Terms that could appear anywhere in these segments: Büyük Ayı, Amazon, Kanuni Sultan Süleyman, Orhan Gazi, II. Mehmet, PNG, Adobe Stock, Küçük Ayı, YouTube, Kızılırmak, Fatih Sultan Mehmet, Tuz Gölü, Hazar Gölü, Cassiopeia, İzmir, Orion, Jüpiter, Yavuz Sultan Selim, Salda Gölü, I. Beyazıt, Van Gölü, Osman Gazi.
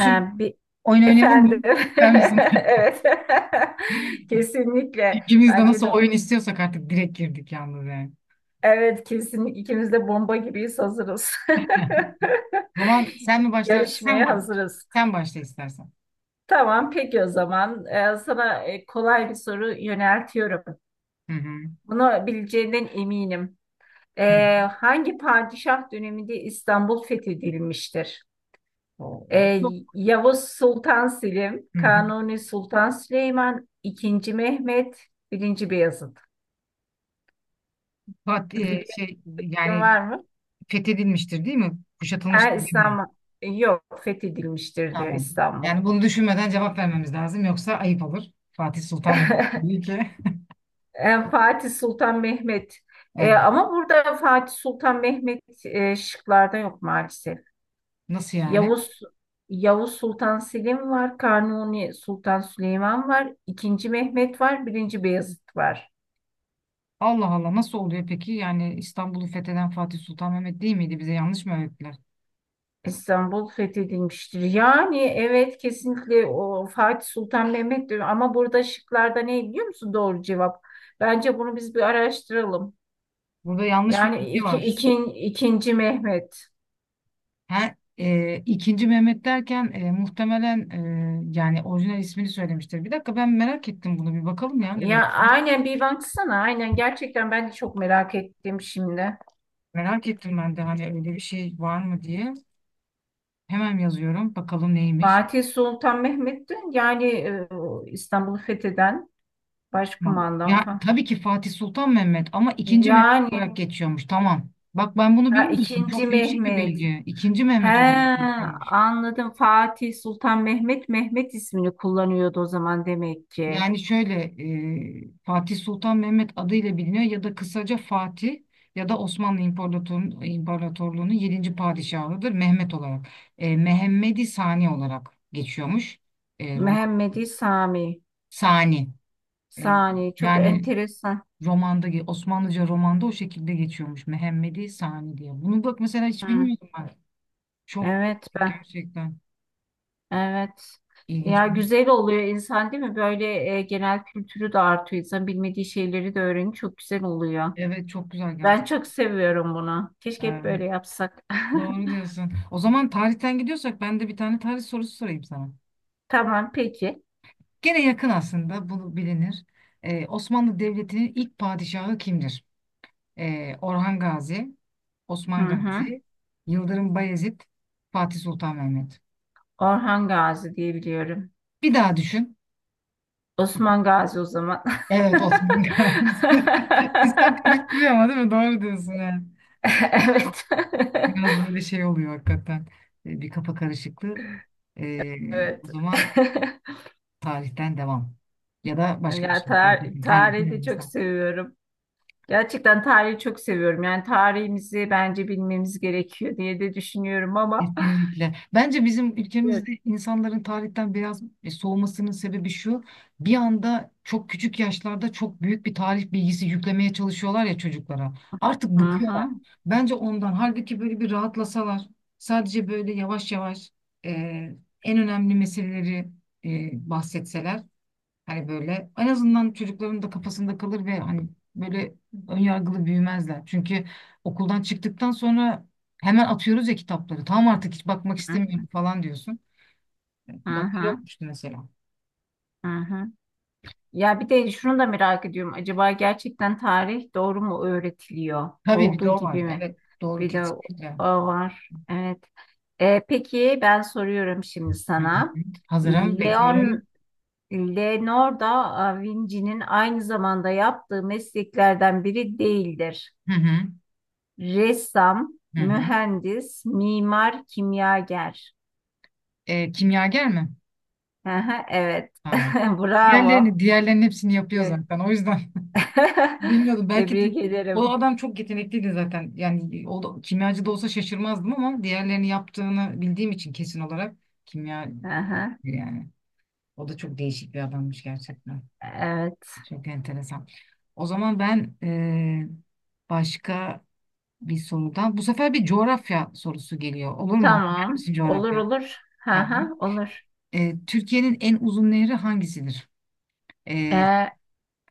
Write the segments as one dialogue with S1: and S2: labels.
S1: Bir
S2: oyun oynayalım
S1: efendim.
S2: mı? İster misin?
S1: Evet. Kesinlikle.
S2: İkimiz de
S1: Bence
S2: nasıl
S1: de
S2: oyun istiyorsak artık direkt girdik yalnız yani.
S1: evet, kesinlikle ikimiz de bomba gibiyiz, hazırız.
S2: O zaman sen mi başlarsın? Sen
S1: Yarışmaya
S2: bak.
S1: hazırız.
S2: Sen başla istersen.
S1: Tamam peki o zaman. Sana kolay bir soru yöneltiyorum.
S2: Hı hı.
S1: Bunu bileceğinden eminim.
S2: Hı hı.
S1: Hangi padişah döneminde İstanbul fethedilmiştir?
S2: Tamam. Yok.
S1: E, Yavuz Sultan Selim,
S2: Hı hı.
S1: Kanuni Sultan Süleyman, II. Mehmet, I. Beyazıt.
S2: Fat- e,
S1: Biliyorsun,
S2: şey yani
S1: var mı?
S2: fethedilmiştir değil mi?
S1: Ha,
S2: Kuşatılmıştır değil mi?
S1: İstanbul. Yok, fethedilmiştir diyor
S2: Tamam.
S1: İstanbul.
S2: Yani bunu düşünmeden cevap vermemiz lazım. Yoksa ayıp olur. Fatih Sultan Mehmet değil ki.
S1: Fatih Sultan Mehmet. E,
S2: Evet.
S1: ama burada Fatih Sultan Mehmet şıklarda yok maalesef.
S2: Nasıl yani?
S1: Yavuz Yavuz Sultan Selim var, Kanuni Sultan Süleyman var, II. Mehmet var, I. Beyazıt var.
S2: Allah Allah nasıl oluyor peki? Yani İstanbul'u fetheden Fatih Sultan Mehmet değil miydi? Bize yanlış mı öğrettiler?
S1: İstanbul fethedilmiştir. Yani evet, kesinlikle o Fatih Sultan Mehmet diyor ama burada şıklarda ne biliyor musun doğru cevap? Bence bunu biz bir araştıralım.
S2: Burada yanlış bir
S1: Yani
S2: bilgi
S1: iki,
S2: var.
S1: ikin, ikinci Mehmet.
S2: Her, ikinci Mehmet derken muhtemelen yani orijinal ismini söylemiştir. Bir dakika ben merak ettim bunu bir bakalım ya ne
S1: Ya
S2: demek.
S1: aynen bir baksana, aynen gerçekten ben de çok merak ettim şimdi.
S2: Merak ettim ben de hani öyle bir şey var mı diye. Hemen yazıyorum bakalım neymiş.
S1: Fatih Sultan Mehmet'ti yani İstanbul'u fetheden
S2: Tamam.
S1: başkumandan
S2: Ya
S1: falan.
S2: tabii ki Fatih Sultan Mehmet ama ikinci Mehmet
S1: Yani
S2: olarak geçiyormuş. Tamam. Bak ben bunu
S1: ha,
S2: bilmiyordum.
S1: ikinci
S2: Çok değişik bir
S1: Mehmet.
S2: bilgi. İkinci Mehmet olarak
S1: He,
S2: geçiyormuş.
S1: anladım. Fatih Sultan Mehmet Mehmet ismini kullanıyordu o zaman demek ki.
S2: Yani şöyle, Fatih Sultan Mehmet adıyla biliniyor ya da kısaca Fatih ya da Osmanlı İmparatorluğu'nun 7. padişahıdır Mehmet olarak. E, Mehmedi Sani olarak geçiyormuş. E, roman
S1: Mehmedi Sami.
S2: Sani. E,
S1: Sani, çok
S2: yani
S1: enteresan.
S2: romanda Osmanlıca romanda o şekilde geçiyormuş Mehmedi Sani diye. Bunu bak mesela hiç
S1: Hı,
S2: bilmiyordum ben. Çok
S1: evet ben.
S2: gerçekten
S1: Evet.
S2: ilginç.
S1: Ya güzel oluyor insan, değil mi? Böyle genel kültürü de artıyor. İnsan bilmediği şeyleri de öğreniyor. Çok güzel oluyor.
S2: Evet çok güzel
S1: Ben çok seviyorum bunu. Keşke hep böyle
S2: gerçekten.
S1: yapsak.
S2: Doğru diyorsun. O zaman tarihten gidiyorsak ben de bir tane tarih sorusu sorayım sana.
S1: Tamam peki.
S2: Gene yakın aslında bunu bilinir. Osmanlı Devleti'nin ilk padişahı kimdir? Orhan Gazi,
S1: Hı
S2: Osman
S1: hı.
S2: Gazi, Yıldırım Bayezid, Fatih Sultan Mehmet.
S1: Orhan Gazi diye biliyorum.
S2: Bir daha düşün.
S1: Osman Gazi o zaman.
S2: Evet Osman Gazi. İnsan karıştırıyor ama değil mi? Doğru diyorsun. Yani.
S1: Evet.
S2: Biraz böyle şey oluyor hakikaten. Bir kafa karışıklığı. Ee, o
S1: Evet.
S2: zaman tarihten devam. Ya da başka bir
S1: Yani
S2: şey fark
S1: tar
S2: etmez. Hangisi
S1: tarihi de çok
S2: mesela
S1: seviyorum. Gerçekten tarihi çok seviyorum. Yani tarihimizi bence bilmemiz gerekiyor diye de düşünüyorum ama.
S2: kesinlikle. Bence bizim
S1: Evet.
S2: ülkemizde insanların tarihten biraz soğumasının sebebi şu. Bir anda çok küçük yaşlarda çok büyük bir tarih bilgisi yüklemeye çalışıyorlar ya çocuklara. Artık
S1: Hı hı.
S2: bıkıyorlar. Bence ondan. Halbuki böyle bir rahatlasalar. Sadece böyle yavaş yavaş e, en önemli meseleleri bahsetseler. Hani böyle en azından çocukların da kafasında kalır ve hani böyle önyargılı büyümezler. Çünkü okuldan çıktıktan sonra hemen atıyoruz ya kitapları. Tamam artık hiç bakmak
S1: Hı
S2: istemiyorum falan diyorsun. Bak öyle
S1: hı.
S2: olmuştu mesela.
S1: Hı hı. Ya bir de şunu da merak ediyorum. Acaba gerçekten tarih doğru mu öğretiliyor?
S2: Tabii bir
S1: Olduğu
S2: de o var.
S1: gibi mi?
S2: Evet doğru
S1: Bir de
S2: kesinlikle.
S1: o var. Evet. Peki ben soruyorum şimdi
S2: Hı
S1: sana.
S2: hı. Hazırım bekliyorum.
S1: Leon Leonardo da Vinci'nin aynı zamanda yaptığı mesleklerden biri değildir.
S2: Hı hı.
S1: Ressam,
S2: Hı hı.
S1: mühendis, mimar, kimyager.
S2: Kimyager mi?
S1: Hı hı, evet.
S2: Tamam.
S1: Bravo.
S2: Diğerlerini, diğerlerinin hepsini yapıyor
S1: Evet.
S2: zaten. O yüzden bilmiyorum belki de
S1: Tebrik
S2: o
S1: ederim.
S2: adam çok yetenekliydi zaten. Yani o da, kimyacı da olsa şaşırmazdım ama diğerlerini yaptığını bildiğim için kesin olarak kimya
S1: Hı hı.
S2: yani. O da çok değişik bir adammış gerçekten.
S1: Evet.
S2: Çok enteresan. O zaman ben başka bir sorudan bu sefer bir coğrafya sorusu geliyor. Olur mu? Bilir
S1: Tamam.
S2: misin
S1: Olur
S2: coğrafya?
S1: olur.
S2: Tamam.
S1: Ha olur.
S2: Türkiye'nin en uzun nehri hangisidir? Eee
S1: Ee,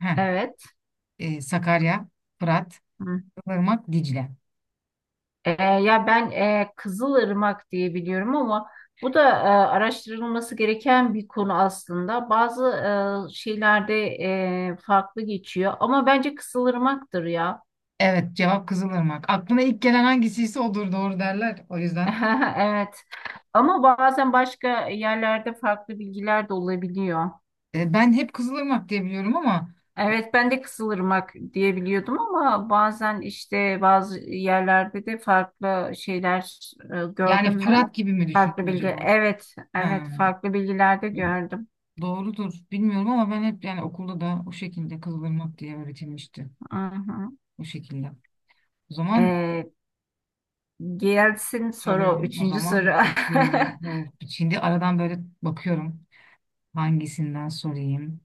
S2: heh,
S1: evet.
S2: Sakarya, Fırat,
S1: Hı.
S2: Irmak, Dicle.
S1: Ya ben Kızılırmak diye biliyorum ama bu da araştırılması gereken bir konu aslında. Bazı şeylerde farklı geçiyor ama bence Kızılırmak'tır ya.
S2: Evet, cevap Kızılırmak. Aklına ilk gelen hangisiyse odur doğru derler. O yüzden
S1: Evet. Ama bazen başka yerlerde farklı bilgiler de olabiliyor.
S2: Ben hep Kızılırmak diye biliyorum ama
S1: Evet, ben de Kızılırmak diye biliyordum ama bazen işte bazı yerlerde de farklı şeyler
S2: yani
S1: gördüm ben.
S2: Fırat gibi mi düşündün
S1: Farklı bilgi,
S2: acaba?
S1: evet evet,
S2: Ha,
S1: farklı bilgilerde gördüm.
S2: doğrudur. Bilmiyorum ama ben hep yani okulda da o şekilde Kızılırmak diye öğretilmişti.
S1: Hı hı.
S2: O şekilde. O zaman
S1: Ee, gelsin soru,
S2: soruyorum. O
S1: 3. soru.
S2: zaman bakıyorum. Oh, şimdi aradan böyle bakıyorum. Hangisinden sorayım?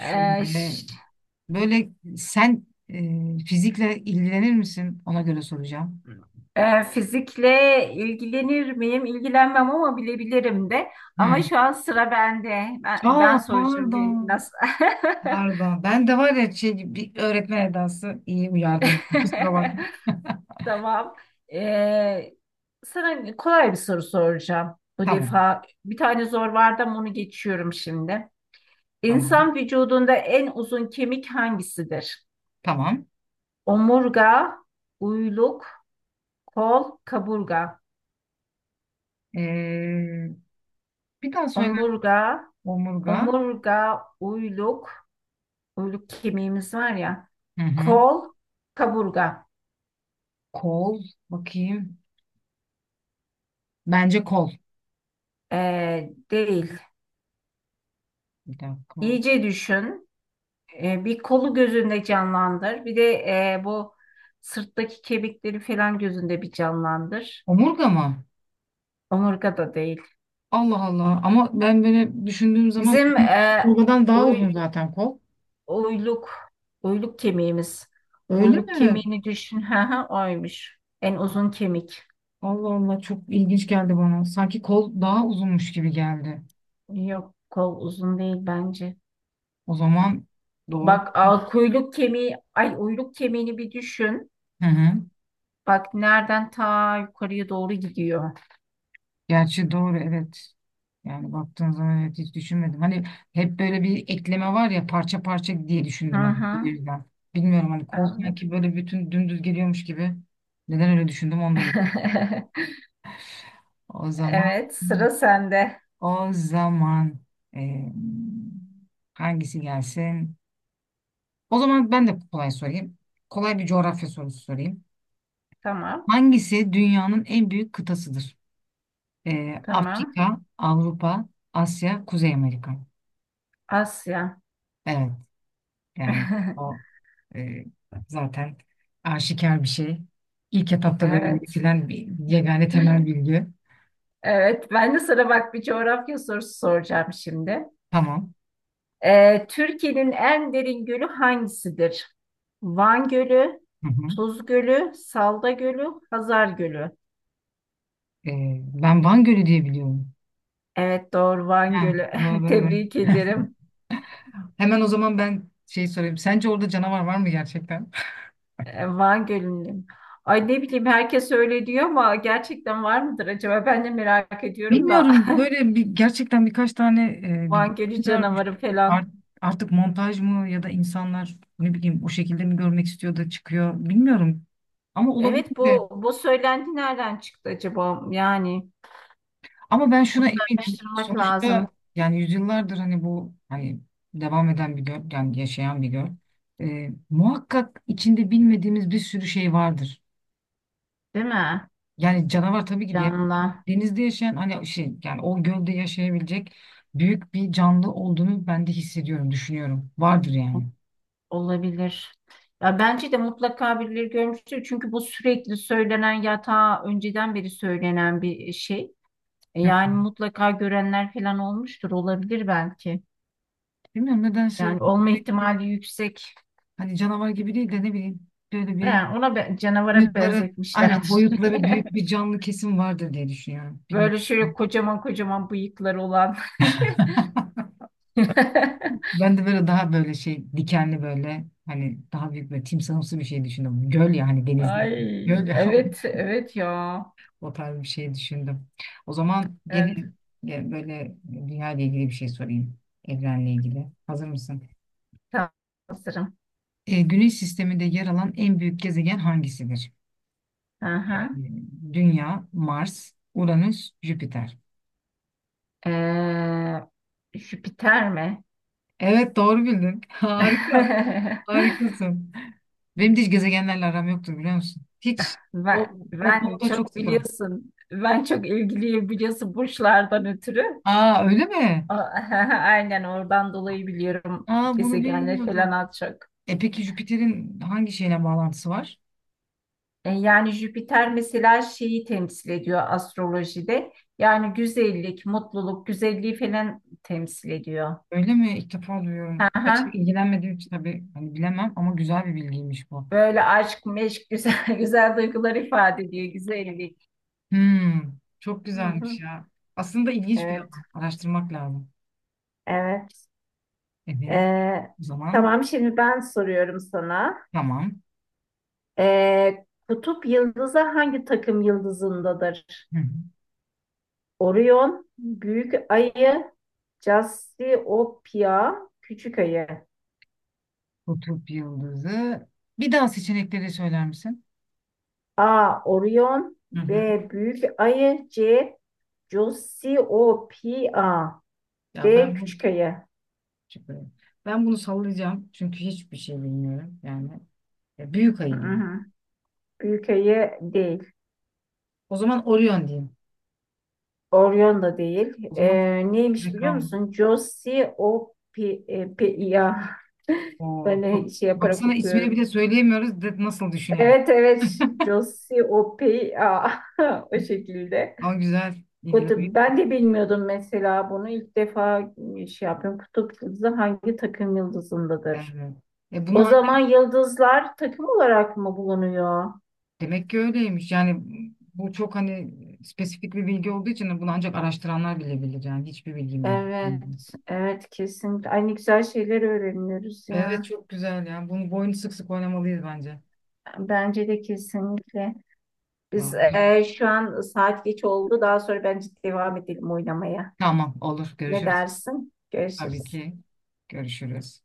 S1: Ee, ş-
S2: böyle sen fizikle ilgilenir misin? Ona göre soracağım.
S1: fizikle ilgilenir miyim? İlgilenmem ama bilebilirim de. Ama
S2: Hmm.
S1: şu an sıra bende. Ben
S2: Aa
S1: soracağım
S2: pardon.
S1: biraz.
S2: Pardon. Ben de var ya şey, bir öğretmen edası iyi uyardın. Kusura bakma.
S1: Tamam. Ee, sana kolay bir soru soracağım bu
S2: Tamam.
S1: defa. Bir tane zor vardı ama onu geçiyorum şimdi.
S2: Tamam.
S1: İnsan vücudunda en uzun kemik hangisidir?
S2: Tamam.
S1: Omurga, uyluk, kol, kaburga.
S2: Ee, bir daha söyle.
S1: Omurga,
S2: Omurga.
S1: omurga, uyluk, uyluk kemiğimiz var ya.
S2: Hı hı.
S1: Kol, kaburga.
S2: Kol. Bakayım. Bence kol.
S1: Değil.
S2: Bir dakika.
S1: İyice düşün. E, bir kolu gözünde canlandır. Bir de bu sırttaki kemikleri falan gözünde bir canlandır.
S2: Omurga mı?
S1: Omurga da değil.
S2: Allah Allah. Ama ben böyle düşündüğüm zaman
S1: Bizim
S2: omurgadan daha uzun
S1: uy-
S2: zaten kol.
S1: uyluk, uyluk kemiğimiz.
S2: Öyle
S1: Uyluk
S2: mi?
S1: kemiğini düşün. Ha, ha oymuş. En uzun kemik.
S2: Allah Allah çok ilginç geldi bana. Sanki kol daha uzunmuş gibi geldi.
S1: Yok, kol uzun değil bence.
S2: O zaman doğru.
S1: Bak, al, kuyruk kemiği, ay uyluk kemiğini bir düşün.
S2: Hı hı.
S1: Bak nereden ta yukarıya doğru gidiyor.
S2: Gerçi doğru evet. Yani baktığın zaman evet hiç düşünmedim. Hani hep böyle bir ekleme var ya parça parça diye
S1: Hı
S2: düşündüm hani bu
S1: hı,
S2: yüzden. Bilmiyorum hani kol
S1: anladım.
S2: sanki böyle bütün dümdüz geliyormuş gibi. Neden öyle düşündüm onu da bilmiyorum. O zaman
S1: Evet, sıra sende.
S2: o zaman eee, hangisi gelsin? O zaman ben de kolay sorayım. Kolay bir coğrafya sorusu sorayım.
S1: Tamam.
S2: Hangisi dünyanın en büyük kıtasıdır?
S1: Tamam.
S2: Afrika, Avrupa, Asya, Kuzey Amerika.
S1: Asya.
S2: Evet. Yani o e, zaten aşikar bir şey. İlk etapta böyle
S1: Evet.
S2: üretilen bir yegane temel bilgi.
S1: Evet. Ben de sana bak bir coğrafya sorusu soracağım şimdi.
S2: Tamam.
S1: Türkiye'nin en derin gölü hangisidir? Van Gölü,
S2: Hı hı.
S1: Tuz Gölü, Salda Gölü, Hazar Gölü.
S2: E, ben Van Gölü diye biliyorum.
S1: Evet doğru, Van
S2: Ha,
S1: Gölü.
S2: doğru, evet.
S1: Tebrik ederim.
S2: Hemen o zaman ben şey sorayım. Sence orada canavar var mı gerçekten?
S1: Van Gölü'nün. Ay ne bileyim, herkes öyle diyor ama gerçekten var mıdır acaba? Ben de merak ediyorum da.
S2: Bilmiyorum. Böyle bir, gerçekten birkaç tane bir
S1: Van
S2: görüntü
S1: Gölü canavarı
S2: görmüştüm.
S1: falan.
S2: Art- artık montaj mı ya da insanlar ne bileyim o şekilde mi görmek istiyor da çıkıyor bilmiyorum. Ama olabilir
S1: Evet,
S2: de.
S1: bu söylenti nereden çıktı acaba? Yani
S2: Ama ben
S1: bunu
S2: şuna
S1: da
S2: eminim.
S1: araştırmak lazım,
S2: Sonuçta yani yüzyıllardır hani bu devam eden bir göl, yani yaşayan bir göl. Muhakkak içinde bilmediğimiz bir sürü şey vardır.
S1: değil mi?
S2: Yani canavar tabii ki diye
S1: Canlı
S2: denizde yaşayan hani şey yani o gölde yaşayabilecek büyük bir canlı olduğunu ben de hissediyorum, düşünüyorum. Vardır yani.
S1: olabilir. Ya bence de mutlaka birileri görmüştür. Çünkü bu sürekli söylenen, yatağa önceden beri söylenen bir şey. E
S2: Hı.
S1: yani mutlaka görenler falan olmuştur. Olabilir belki.
S2: Bilmiyorum nedense
S1: Yani olma ihtimali yüksek.
S2: hani canavar gibi değil de ne bileyim böyle bir
S1: Yani ona canavara
S2: boyutları aynen
S1: benzetmişlerdir.
S2: boyutları büyük bir canlı kesim vardır diye düşünüyorum. Bilmiyorum.
S1: Böyle şöyle kocaman kocaman bıyıkları olan.
S2: Ben de böyle daha böyle şey dikenli böyle hani daha büyük böyle timsahımsı bir şey düşündüm. Göl ya hani deniz değil. Göl
S1: Ay
S2: ya
S1: evet evet ya.
S2: o tarz bir şey düşündüm. O zaman
S1: Evet
S2: gelin böyle dünya ile ilgili bir şey sorayım. Evrenle ilgili. Hazır mısın?
S1: tam sanırım.
S2: Güneş sisteminde yer alan en büyük gezegen hangisidir?
S1: Hı hı.
S2: E, Dünya, Mars, Uranüs, Jüpiter.
S1: Jüpiter mi?
S2: Evet doğru bildin. Harika. Harikasın. Benim de hiç gezegenlerle aram yoktur biliyor musun? Hiç o, o
S1: Ben
S2: konuda çok
S1: çok
S2: sıfırım.
S1: biliyorsun. Ben çok ilgiliyim biliyorsun, burçlardan ötürü.
S2: Aa öyle mi?
S1: A- Aynen oradan dolayı biliyorum
S2: Aa bunu
S1: gezegenleri falan
S2: bilmiyordum.
S1: az çok.
S2: E peki Jüpiter'in hangi şeyle bağlantısı var?
S1: E, yani Jüpiter mesela şeyi temsil ediyor astrolojide. Yani güzellik, mutluluk, güzelliği falan temsil ediyor.
S2: Öyle mi? İlk defa
S1: Hı
S2: duyuyorum. Gerçi
S1: hı.
S2: ilgilenmediğim için tabii hani bilemem ama güzel bir bilgiymiş bu.
S1: Böyle aşk, meşk, güzel, güzel duygular ifade ediyor. Güzellik.
S2: Hmm, çok
S1: Hı
S2: güzelmiş
S1: hı.
S2: ya. Aslında ilginç bir
S1: Evet,
S2: alan. Araştırmak lazım.
S1: evet.
S2: Evet.
S1: Ee,
S2: O zaman
S1: tamam, şimdi ben soruyorum sana.
S2: tamam.
S1: Kutup yıldızı hangi takım yıldızındadır?
S2: Hı hı.
S1: Orion, Büyük Ayı, Cassiopeia, Küçük Ayı.
S2: Kutup yıldızı. Bir daha seçenekleri söyler misin?
S1: A. Orion,
S2: Hı
S1: B.
S2: hı.
S1: Büyük Ayı, C. Cassiopeia,
S2: Ya
S1: D.
S2: ben bu
S1: Küçük Ayı.
S2: ben bunu sallayacağım çünkü hiçbir şey bilmiyorum yani. Ya büyük
S1: Hı
S2: ayı diyeyim.
S1: hı. Büyük Ayı değil.
S2: O zaman Orion diyeyim.
S1: Orion da değil.
S2: O zaman ne
S1: Neymiş biliyor
S2: Reklam.
S1: musun? Josiopea.
S2: Oo
S1: Ben de
S2: çok.
S1: şey yaparak
S2: Baksana ismini
S1: okuyorum.
S2: bile söyleyemiyoruz. De, nasıl düşün yani?
S1: Evet evet. Josiopea. O şekilde.
S2: Ama güzel
S1: Kutup.
S2: ilgilenmek.
S1: Ben de bilmiyordum mesela bunu. İlk defa şey yapıyorum. Kutup yıldızı hangi takım yıldızındadır?
S2: Evet. E
S1: O
S2: bunu
S1: zaman
S2: ancak
S1: yıldızlar takım olarak mı bulunuyor?
S2: demek ki öyleymiş. Yani bu çok hani spesifik bir bilgi olduğu için bunu ancak araştıranlar bilebilir. Yani hiçbir bilgim yok. Hı hı.
S1: Evet, evet kesinlikle. Aynı güzel şeyler öğreniyoruz
S2: Evet
S1: ya.
S2: çok güzel yani. Bunu bu oyunu sık sık oynamalıyız bence.
S1: Bence de kesinlikle. Biz
S2: Vallahi güzel.
S1: şu an saat geç oldu. Daha sonra bence devam edelim oynamaya.
S2: Tamam olur.
S1: Ne
S2: Görüşürüz.
S1: dersin?
S2: Tabii
S1: Görüşürüz.
S2: ki. Görüşürüz.